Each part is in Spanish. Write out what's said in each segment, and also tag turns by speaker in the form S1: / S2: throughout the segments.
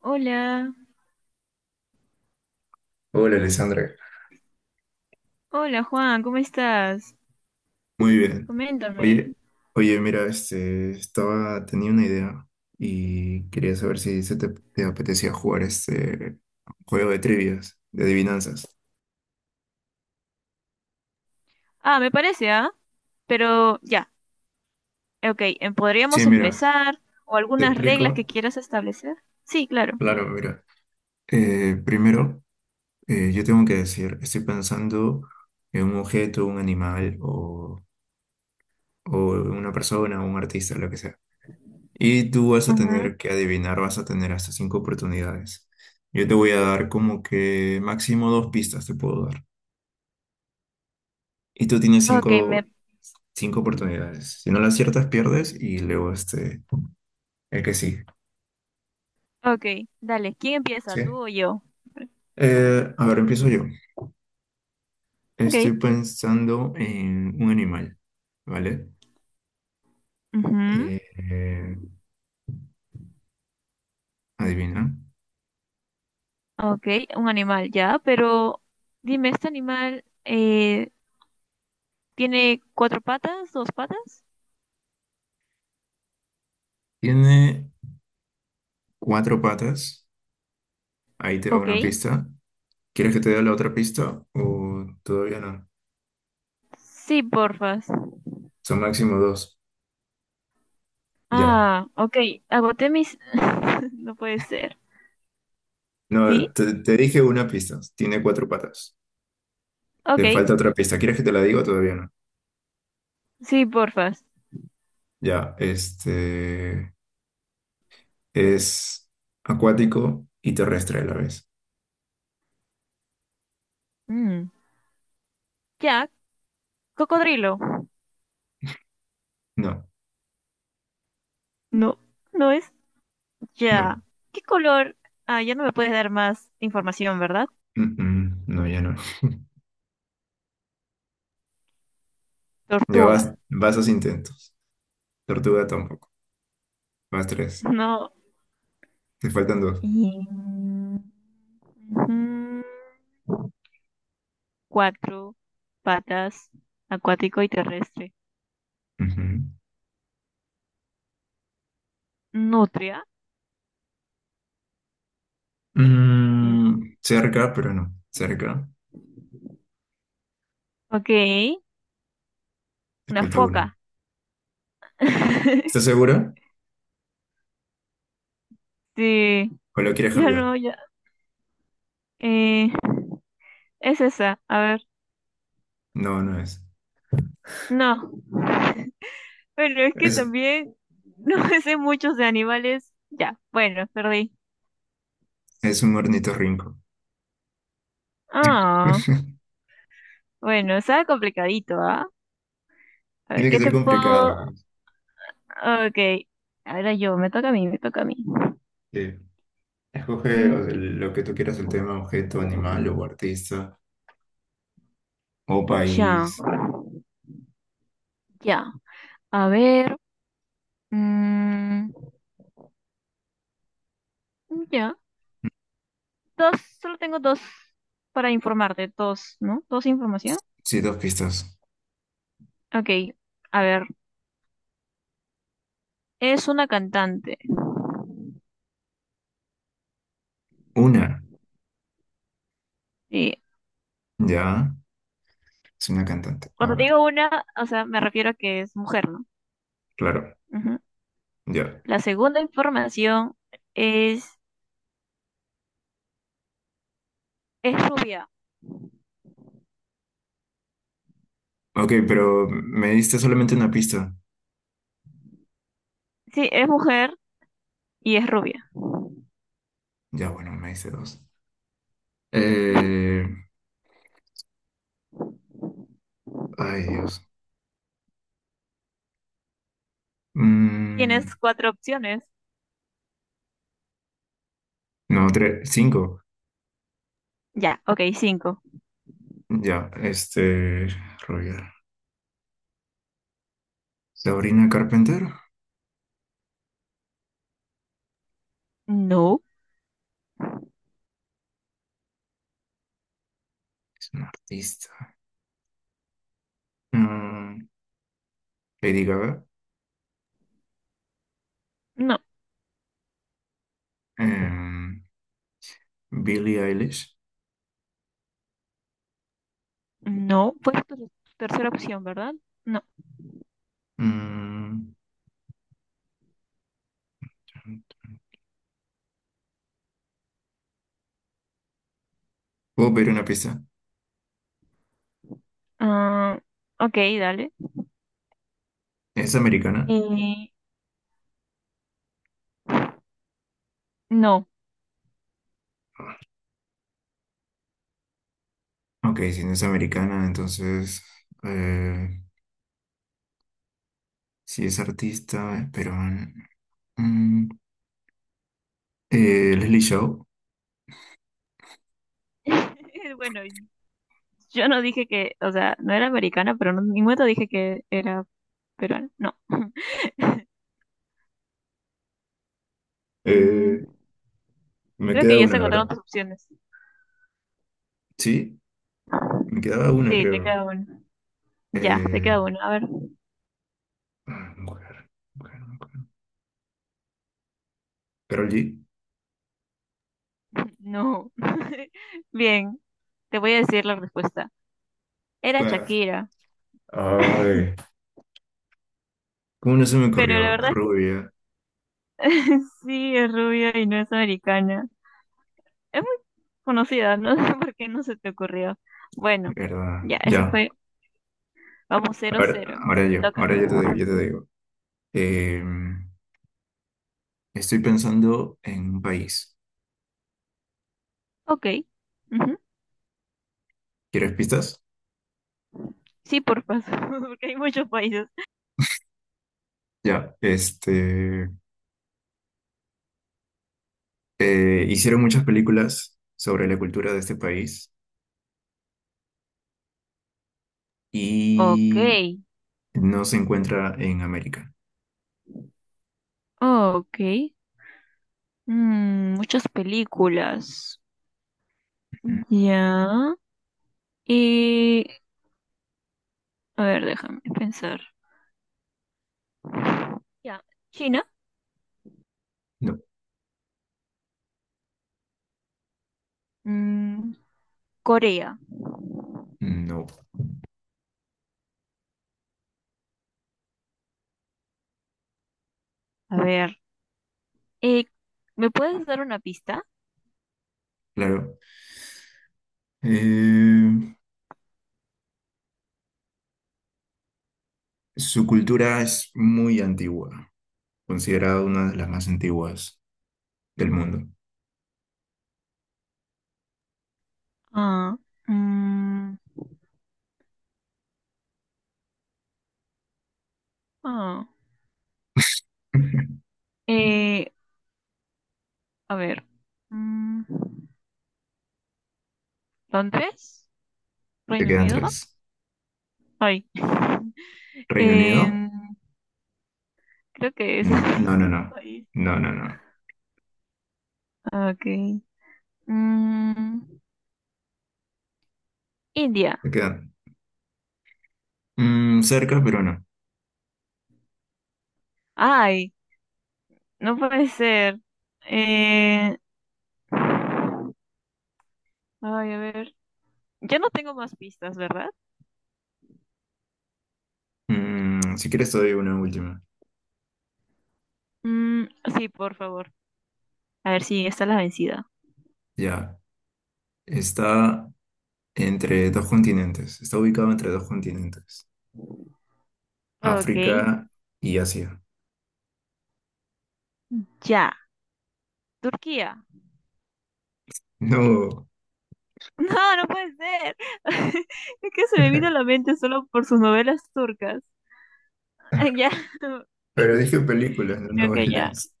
S1: Hola,
S2: Hola, Alessandra.
S1: hola Juan, ¿cómo estás?
S2: Muy bien.
S1: Coméntame.
S2: Oye, oye, mira, estaba, tenía una idea y quería saber si te apetecía jugar este juego de trivias, de adivinanzas.
S1: Ah, me parece, ¿ah? Pero ya, ok,
S2: Sí,
S1: ¿podríamos
S2: mira,
S1: empezar? ¿O
S2: te
S1: algunas reglas que
S2: explico.
S1: quieras establecer? Sí, claro.
S2: Claro, mira. Primero, yo tengo que decir, estoy pensando en un objeto, un animal o una persona, un artista, lo que sea. Y tú vas a
S1: Ujú.
S2: tener que adivinar, vas a tener hasta cinco oportunidades. Yo te voy a dar como que máximo dos pistas te puedo dar. Y tú tienes
S1: Ok,
S2: cinco, cinco oportunidades. Si no las aciertas, pierdes y luego el que sigue,
S1: ok, dale, ¿quién empieza, tú
S2: ¿sí?
S1: o yo?
S2: A ver, empiezo yo.
S1: Ok.
S2: Estoy pensando en un animal, ¿vale?
S1: Ujú.
S2: Eh, eh, adivina.
S1: Ok, un animal, ya, pero dime, ¿este animal tiene cuatro patas, dos patas?
S2: Tiene cuatro patas. Ahí te va
S1: Ok.
S2: una pista. ¿Quieres que te dé la otra pista o todavía no?
S1: Sí, porfas.
S2: Son máximo dos. Ya.
S1: Ah, ok, agoté mis... no puede ser. ¿Sí?
S2: No, te dije una pista. Tiene cuatro patas. Te
S1: Ok,
S2: falta otra pista. ¿Quieres que te la diga o todavía no?
S1: sí, porfas.
S2: Ya, este es acuático y terrestre a la vez.
S1: Mm. Ya, cocodrilo.
S2: No,
S1: No, no es
S2: no.
S1: ya. ¿Qué color? Ah, ya no me puedes dar más información, ¿verdad?
S2: Mm, mm, no, ya no. Ya
S1: Tortuga.
S2: vas, vas a intentos. Tortuga tampoco. Vas tres.
S1: No.
S2: Te faltan dos.
S1: Y- Ujú. Cuatro patas, acuático y terrestre.
S2: Ujú.
S1: Nutria. Mm.
S2: Mm, cerca, pero no. Cerca.
S1: Ok,
S2: Te
S1: una
S2: falta una.
S1: foca.
S2: ¿Estás segura?
S1: Sí,
S2: ¿O lo quieres
S1: ya
S2: cambiar?
S1: no, ya. Eh, es esa, a ver.
S2: No, no es.
S1: No. Bueno, es que
S2: Es,
S1: también no sé muchos de animales. Ya, bueno, perdí.
S2: es un ornitorrinco.
S1: Ah, bueno, estaba complicadito, ¿ah? A ver,
S2: Tiene que
S1: ¿qué
S2: ser
S1: te
S2: complicado,
S1: puedo...?
S2: pues.
S1: Ok, ahora yo, me toca a mí, me toca a mí.
S2: Sí. Escoge,
S1: Mm,
S2: o sea, lo que tú quieras, el tema, objeto, animal o artista o
S1: ya,
S2: país.
S1: ya. A ver, mm, ya. Dos, solo tengo dos para informarte, dos, ¿no? Dos información.
S2: Sí, dos pistas.
S1: Ok, a ver, es una cantante.
S2: Una,
S1: Sí.
S2: ya, es una cantante. A
S1: Cuando
S2: ver,
S1: digo una, o sea, me refiero a que es mujer, ¿no?
S2: claro,
S1: Ujú.
S2: ya.
S1: La segunda información es, es rubia.
S2: Ok, pero me diste solamente una pista.
S1: Sí, es mujer y es rubia.
S2: Ya, bueno, me diste dos. Eh, ay, Dios. Mm,
S1: Tienes cuatro opciones.
S2: no, tres, cinco.
S1: Ya, ok, cinco.
S2: Ya, Roger. Sabrina Carpenter
S1: No,
S2: es una artista. Mm, Lady Gaga.
S1: no,
S2: Em, Billie Eilish.
S1: no. Fue tu tercera opción, ¿verdad? No.
S2: Mm, ¿puedo pedir una pista?
S1: Ah, ok, dale.
S2: ¿Es americana?
S1: Eh, no.
S2: Ok, si no es americana, entonces eh, si es artista, es peruana. Mm, Leslie Shaw.
S1: Bueno, yo no dije que, o sea, no era americana, pero no, en ningún momento dije que era peruana. No. Mm,
S2: Eh, me
S1: creo que
S2: queda
S1: ya se
S2: una,
S1: agotaron
S2: ¿verdad?
S1: tus opciones.
S2: Sí, me quedaba una,
S1: Sí, te
S2: creo.
S1: queda una. Ya, te
S2: Eh,
S1: queda una. A ver.
S2: mujer, mujer, mujer. Karol G.
S1: No. Bien, te voy a decir la respuesta. Era
S2: Ah,
S1: Shakira,
S2: ay, ¿cómo no se me
S1: pero la
S2: ocurrió?
S1: verdad es que
S2: Rubia,
S1: sí es rubia y no es americana. Es muy conocida, no sé por qué no se te ocurrió. Bueno,
S2: ¿verdad?
S1: ya, eso
S2: Ya,
S1: fue. Vamos,
S2: a
S1: cero
S2: ver,
S1: cero. Te toca.
S2: ahora yo te digo, yo te digo. Eh, Estoy pensando en un país.
S1: Ok, ujú.
S2: ¿Quieres pistas?
S1: Sí, por favor, porque hay muchos países.
S2: Ya, hicieron muchas películas sobre la cultura de este país
S1: Ok,
S2: y no se encuentra en América.
S1: ok. Mm, muchas películas.
S2: Ujú.
S1: Ya. Y... A ver, déjame pensar. Ya. China.
S2: No,
S1: Mm, Corea.
S2: no,
S1: A ver, eh, ¿me puedes dar una pista?
S2: claro. Eh, su cultura es muy antigua, considerada una de las más antiguas del mundo.
S1: Ah, mm, ah, eh, a ver, mm, ¿Londres?
S2: Te
S1: ¿Reino
S2: quedan
S1: Unido?
S2: tres.
S1: Ay,
S2: ¿Reino Unido?
S1: en- creo que ese
S2: No,
S1: es
S2: no, no, no,
S1: un país.
S2: no, no, no.
S1: Ok. Mm, India.
S2: Te quedan mm, cerca, pero no.
S1: Ay, no puede ser. Eh, ay, a ver, ya no tengo más pistas, ¿verdad?
S2: Mm, si quieres te doy una última.
S1: Mm, sí, por favor. A ver si esta es la vencida.
S2: Ya, está entre dos continentes. Está ubicado entre dos continentes.
S1: Ok.
S2: África y Asia.
S1: Ya, Turquía.
S2: No,
S1: No, no puede ser. Es que se me vino a la mente solo por sus novelas turcas. Ah, ya,
S2: pero dije películas, no
S1: creo que ya.
S2: novelas.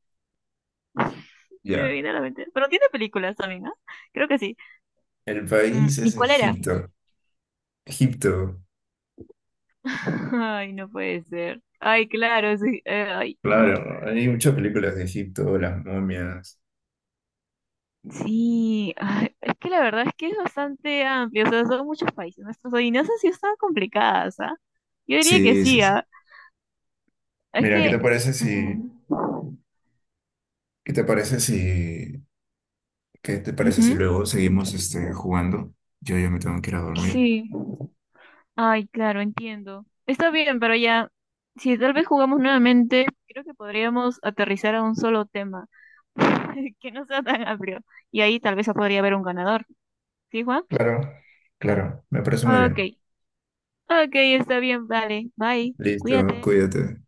S1: Se me
S2: Ya,
S1: vino a la mente. Pero tiene películas también, ¿no? Creo que sí.
S2: el
S1: Mm,
S2: país
S1: ¿y
S2: es
S1: cuál era?
S2: Egipto. Egipto,
S1: Ay, no puede ser. Ay, claro, sí. Ay, no.
S2: claro, hay muchas películas de Egipto, las momias.
S1: Sí, ay, es que la verdad es que es bastante amplio. O sea, son muchos países nuestros. Y nuestras adivinanzas sí están complicadas, ¿ah? Yo diría que
S2: Sí,
S1: sí,
S2: sí, sí.
S1: ¿ah? Es
S2: Mira,
S1: que. Mm,
S2: qué te parece si, ¿qué te parece
S1: ujú.
S2: si luego seguimos este, jugando? Yo ya me tengo que ir a dormir.
S1: Sí. Ay, claro, entiendo. Está bien, pero ya, si tal vez jugamos nuevamente, creo que podríamos aterrizar a un solo tema, que no sea tan amplio. Y ahí tal vez podría haber un ganador. ¿Sí, Juan?
S2: Claro, claro, me parece muy
S1: Ok,
S2: bien.
S1: ok, está bien, vale. Bye,
S2: Listo,
S1: cuídate.
S2: cuídate.